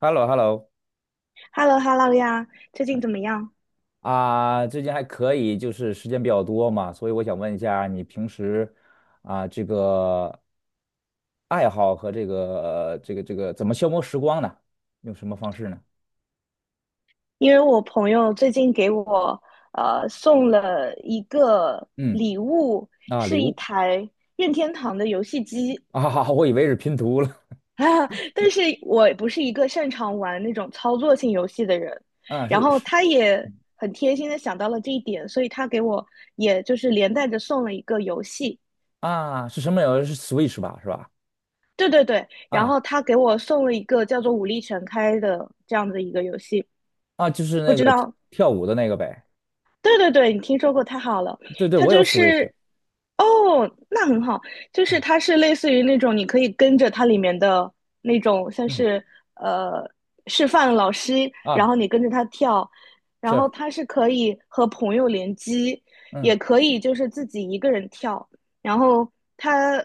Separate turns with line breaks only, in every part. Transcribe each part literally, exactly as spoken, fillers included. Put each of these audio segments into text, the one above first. h e l l o h e l l o
h e l l o h e l l o 呀，最近怎么样？
啊，最近还可以，就是时间比较多嘛，所以我想问一下，你平时啊，这个爱好和这个这个这个怎么消磨时光呢？用什么方式呢？
因为我朋友最近给我呃送了一个
嗯。
礼物，
啊，礼
是一
物。
台任天堂的游戏机。
啊，我以为是拼图了。
啊，但是我不是一个擅长玩那种操作性游戏的人，
啊，
然
是
后
是。
他也很贴心的想到了这一点，所以他给我也就是连带着送了一个游戏。
啊，是什么有是 Switch 吧，是吧？
对对对，然
啊
后他给我送了一个叫做《武力全开》的这样的一个游戏，
啊，就是
不
那
知
个
道。
跳舞的那个呗。
对对对，你听说过，太好了。
对对，
它
我有
就
Switch。
是，哦，那很好，就是
嗯
它是类似于那种你可以跟着它里面的那种，像
嗯。
是呃示范老师，然
啊，
后你跟着他跳，然后
是。
它是可以和朋友联机，也
嗯
可以就是自己一个人跳。然后它，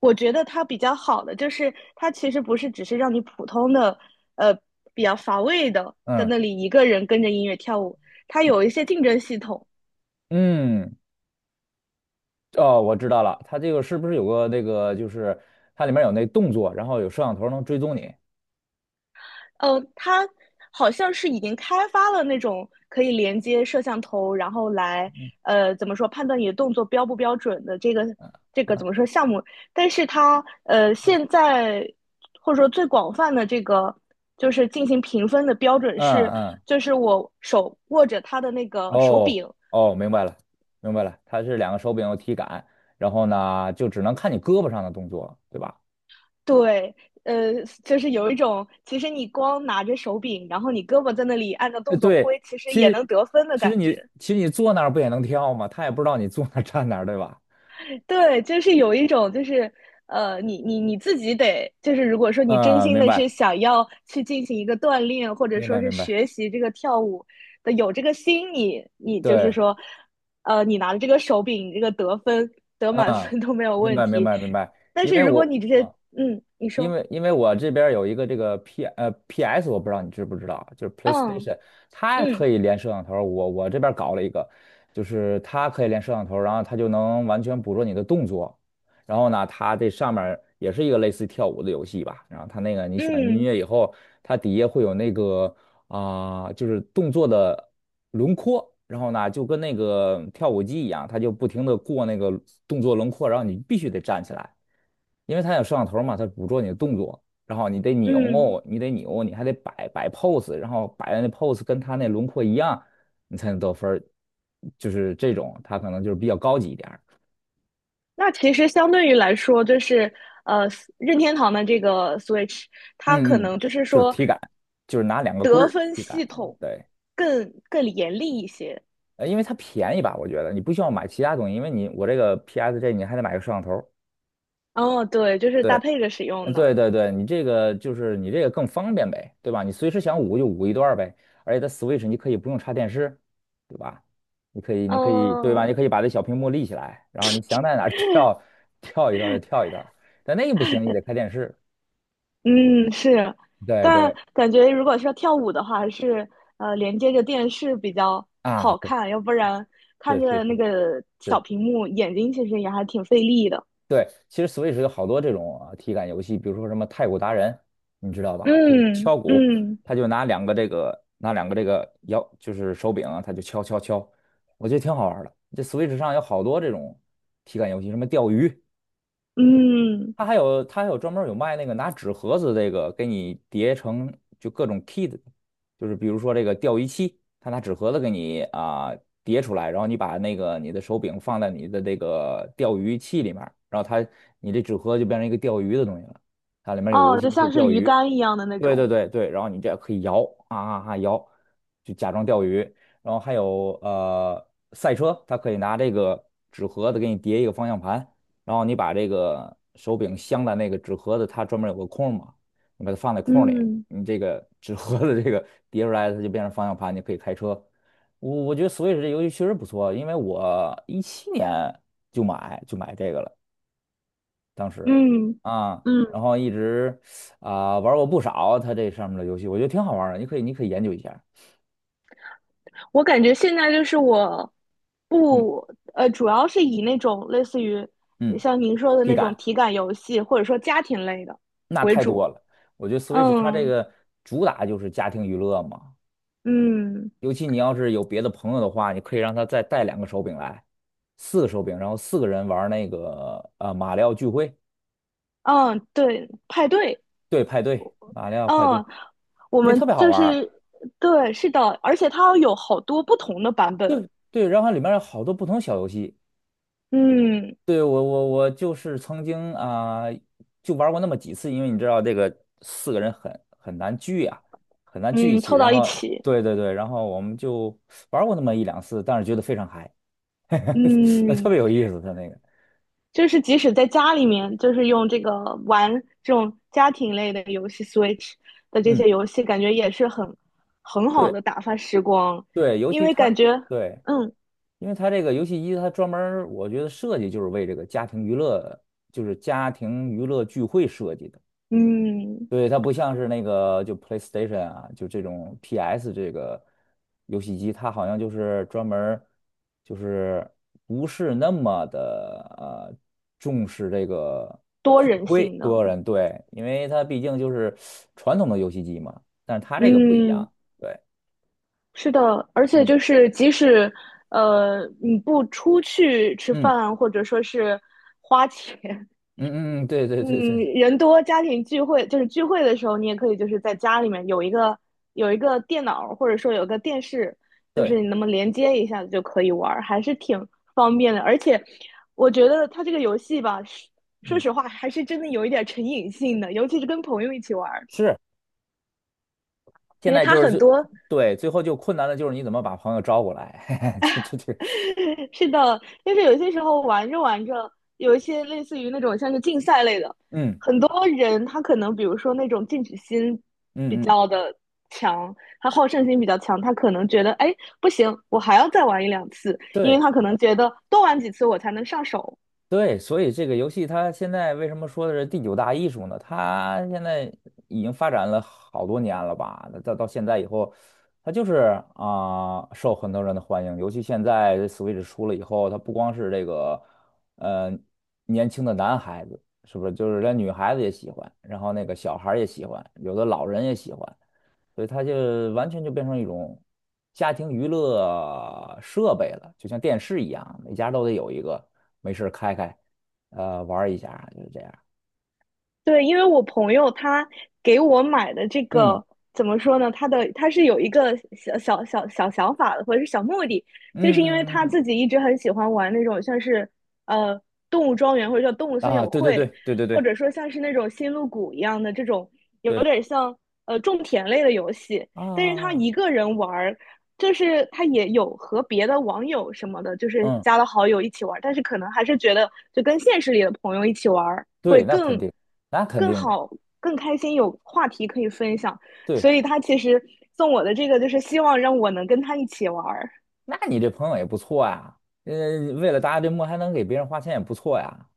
我觉得它比较好的就是它其实不是只是让你普通的呃比较乏味的在
嗯
那里一个人跟着音乐跳舞，它有一些竞争系统。
嗯。哦，我知道了，它这个是不是有个那个，就是它里面有那动作，然后有摄像头能追踪你。
呃，它好像是已经开发了那种可以连接摄像头，然后来呃怎么说判断你的动作标不标准的这个
嗯
这个怎么说项目，但是它呃现在或者说最广泛的这个就是进行评分的标准
嗯，
是，
嗯。
就是我手握着它的那个手
哦。
柄。
哦，明白了，明白了，它是两个手柄有体感，然后呢，就只能看你胳膊上的动作，对吧？
对。呃，就是有一种，其实你光拿着手柄，然后你胳膊在那里按照
呃，
动作
对，
挥，其实
其
也能
实
得分的
其实
感
你
觉。
其实你坐那儿不也能跳吗？他也不知道你坐那儿站哪儿，对吧？
对，就是有一种，就是呃，你你你自己得，就是如果说你真
嗯，
心
明
的是
白
想要去进行一个锻炼，或者
明
说
白
是
明白。
学习这个跳舞的，有这个心，你你就是
对，
说，呃，你拿着这个手柄，你这个得分得满
嗯，
分都没有
明
问
白明
题。
白明白。
但
因
是
为
如果
我。
你直接，
啊。
嗯，你
因
说，
为因为我这边儿有一个这个 P 呃 P S，我不知道你知不知道，就是
嗯
PlayStation，它可
嗯
以连摄像头儿我我这边儿搞了一个，就是它可以连摄像头儿然后它就能完全捕捉你的动作。然后呢，它这上面儿也是一个类似于跳舞的游戏吧。然后它那个你选音
嗯
乐以后，它底下会有那个啊、就是动作的轮廓，然后呢就跟那个跳舞机一样，它就不停的过那个动作轮廓，然后你必须得站起来，因为它有摄像头嘛，它捕捉你的动作，然后你得
嗯，
扭，你得扭，你还得摆摆 pose，然后摆的那 pose 跟它那轮廓一样，你才能得分儿，就是这种，它可能就是比较高级一点儿。
那其实相对于来说，就是呃，任天堂的这个 Switch,它可
嗯嗯，
能就是
就是
说
体感，就是拿两个棍
得
儿
分
体感。
系统
对。
更更严厉一些。
呃，因为它便宜吧，我觉得你不需要买其他东西，因为你我这个 P S 这你还得买个摄像头。
哦，对，就是搭
对。
配着使
嗯，
用的。
对对对，你这个就是你这个更方便呗，对吧？你随时想舞就舞一段儿呗，而且它 Switch 你可以不用插电视，对吧？你可以，你可以，对吧？
嗯
你可以把这小屏幕立起来，然后你想在哪儿 跳跳一段儿就跳一段儿。但那个不行，你得开电视。
嗯，是，
对
但
对。
感觉如果是要跳舞的话，还是呃连接着电视比较
啊，
好
对，
看，要不然看
是是
着
是
那
是。
个小屏幕，眼睛其实也还挺费力的。
对，其实 Switch 有好多这种啊体感游戏，比如说什么太鼓达人，你知道吧？就是
嗯
敲鼓，
嗯
他就拿两个这个拿两个这个摇，就是手柄啊，他就敲敲敲，我觉得挺好玩儿的。这 Switch 上有好多这种体感游戏，什么钓鱼，
嗯。
它还有它还有专门儿有卖那个拿纸盒子这个给你叠成就各种 kit，就是比如说这个钓鱼器，它拿纸盒子给你啊、叠出来，然后你把那个你的手柄放在你的这个钓鱼器里面儿然后它你这纸盒就变成一个钓鱼的东西了，它里面有游
哦，
戏，
就
你可以
像是
钓
鱼
鱼。
竿一样的那
对对
种。
对对，然后你这样可以摇啊啊啊摇，就假装钓鱼。然后还有呃赛车，它可以拿这个纸盒子给你叠一个方向盘，然后你把这个手柄镶在那个纸盒子，它专门有个空嘛，你把它放在空里，
嗯
你这个纸盒子这个叠出来，它就变成方向盘，你可以开车。我我觉得 Switch 这游戏确实不错，因为我一七年就买就买这个了，当时。
嗯
啊，然
嗯，
后一直啊、玩过不少它这上面的游戏，我觉得挺好玩的，你可以你可以研究一下。
我感觉现在就是我
嗯
不，呃，主要是以那种类似于
嗯，
像您说的
体
那种
感
体感游戏，或者说家庭类的
那
为
太多
主。
了，我觉得 Switch 它这
嗯
个主打就是家庭娱乐嘛，
嗯
尤其你要是有别的朋友的话，你可以让他再带两个手柄来，四个手柄，然后四个人玩那个呃马里奥聚会。
嗯，对，派对。
对，派对，马里奥派对，
嗯，我
那
们
特别好
就
玩儿。
是对，是的，而且它有好多不同的版本。
对对，然后里面有好多不同小游戏。
嗯
对，我我我就是曾经啊、就玩过那么几次，因为你知道这个四个人很很难聚啊，很难聚一
嗯，
起。
凑
然
到一
后
起。
对对对，然后我们就玩过那么一两次，但是觉得非常嗨，特
嗯。
别有意思，他那个。
就是即使在家里面，就是用这个玩这种家庭类的游戏，Switch 的这
嗯。
些游戏，感觉也是很很好
对。
的打发时光，
对，尤
因
其
为感
它
觉，
对，
嗯
因为它这个游戏机它专门儿我觉得设计就是为这个家庭娱乐，就是家庭娱乐聚会设计的。
嗯，
对，它不像是那个就 PlayStation 啊，就这种 P S 这个游戏机，它好像就是专门儿就是不是那么的呃重视这个
多
聚
人
会
性的，
多人对，因为它毕竟就是传统的游戏机嘛，但是它这个不一
嗯，
样。对，
是的，而且
嗯
就是即使呃你不出去吃
嗯
饭，或者说是花钱，
嗯嗯。嗯，对对对
嗯，
对
人多家庭聚会就是聚会的时候，你也可以就是在家里面有一个有一个电脑，或者说有个电视，就是
对。
你那么连接一下子就可以玩儿，还是挺方便的。而且我觉得它这个游戏吧，说说
嗯，
实话还是真的有一点儿成瘾性的，尤其是跟朋友一起玩儿，
是，现
因为
在
它
就是
很
最，
多。
对，最后就困难的就是你怎么把朋友招过来，这这这，
是的，但是有些时候玩着玩着，有一些类似于那种像是竞赛类的，
嗯
很多人他可能比如说那种进取心比
嗯嗯，
较的强，他好胜心比较强，他可能觉得哎不行，我还要再玩一两次，因
对
为他可能觉得多玩几次我才能上手。
对，所以这个游戏它现在为什么说的是第九大艺术呢？它现在已经发展了好多年了吧？到到现在以后，它就是啊、受很多人的欢迎，尤其现在 Switch 出了以后，它不光是这个呃年轻的男孩子，是不是？就是连女孩子也喜欢，然后那个小孩儿也喜欢，有的老人也喜欢。所以它就完全就变成一种家庭娱乐设备了，就像电视一样，每家都得有一个，没事儿开开，呃，玩儿一下，就是这样。
对，因为我朋友他给我买的这
嗯
个怎么说呢？他的他是有一个小小小小想法的，或者是小目的，就
嗯
是
嗯
因为
嗯。
他
嗯
自己一直很喜欢玩那种像是呃动物庄园或者叫动物森
啊，
友
对对对
会，
对对
或
对
者说像是那种星露谷一样的这种有
对。
点像呃种田类的游戏，
啊，啊
但是
啊
他
啊。
一个人玩儿，就是他也有和别的网友什么的，就是
嗯，
加了好友一起玩儿，但是可能还是觉得就跟现实里的朋友一起玩儿。会
对，那肯
更
定，那肯
更
定的。
好、更开心，有话题可以分享。
对，
所以他其实送我的这个，就是希望让我能跟他一起玩儿。
那你这朋友也不错呀，呃，为了达这目还能给别人花钱也不错呀。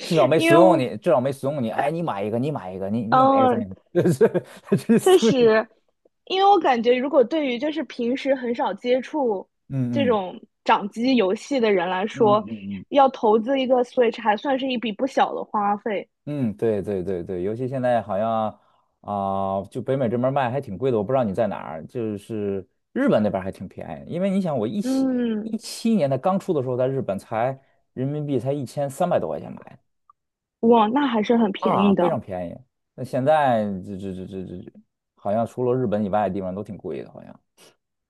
至少 没
因
怂
为
恿
我，
你，至少没怂恿你。哎，你买一个，你买一个，你你买一个，咱
嗯，
也 这对这是
确
怂送你。
实，因为我感觉，如果对于就是平时很少接触这
嗯嗯
种掌机游戏的人来
嗯
说，
嗯嗯。
要投资一个 Switch 还算是一笔不小的花费。
嗯，嗯，对对对对，尤其现在好像啊、就北美这边儿卖还挺贵的，我不知道你在哪儿，就是日本那边儿还挺便宜，因为你想，我一七一
嗯，
七年它刚出的时候，在日本才人民币才一千三百多块钱买
哇，那还是很
的
便
啊，
宜
非常
的。
便宜。那现在这这这这这，好像除了日本以外的地方都挺贵的，好像。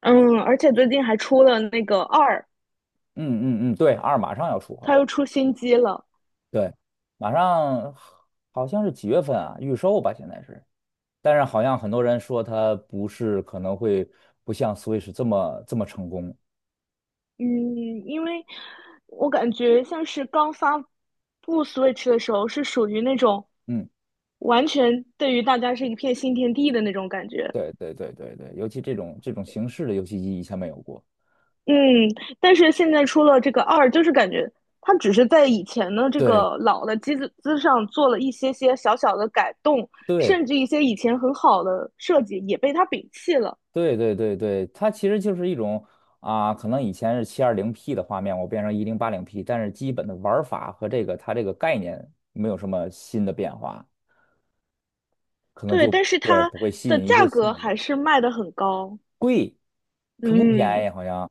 嗯，而且最近还出了那个二，
嗯嗯嗯，对，二马上要出，好
它又
像
出新机了。
对，马上好像是几月份啊？预售吧，现在是。但是好像很多人说它不是，可能会不像 Switch 这么这么成功。
嗯，因为我感觉像是刚发布 Switch 的时候，是属于那种
嗯，
完全对于大家是一片新天地的那种感觉。
对对对对对，尤其这种这种形式的游戏机以前没有过。
嗯，但是现在出了这个二，就是感觉它只是在以前的这
对
个老的机子之上做了一些些小小的改动，
对
甚至一些以前很好的设计也被它摒弃了。
对对对对，它其实就是一种啊、可能以前是 七二零 P 的画面，我变成 一零八零 P，但是基本的玩法和这个它这个概念没有什么新的变化，可能
对，
就
但是
对
它
不会吸
的
引一些
价
新
格
的
还
人。
是卖得很高。
贵，可不便
嗯，
宜，好像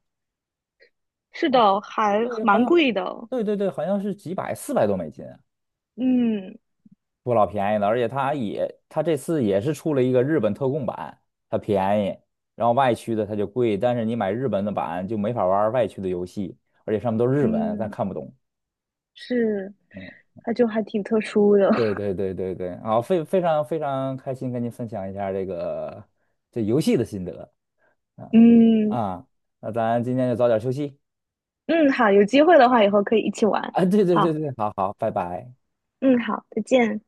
是的，还
对，好
蛮
像
贵的。
对对对，好像是几百四百多美金。
嗯。
不老便宜的，而且它也，它这次也是出了一个日本特供版，它便宜，然后外区的它就贵，但是你买日本的版就没法玩外区的游戏，而且上面都是日文，咱
嗯，
看不懂。
是，
嗯，
它就还挺特殊的。
对 对对对对，好，非非常非常开心跟您分享一下这个这游戏的心得。嗯。
嗯
啊，那咱今天就早点休息。
嗯，好，有机会的话以后可以一起玩。
啊，对对对
好，
对，好好，拜拜。
嗯，好，再见。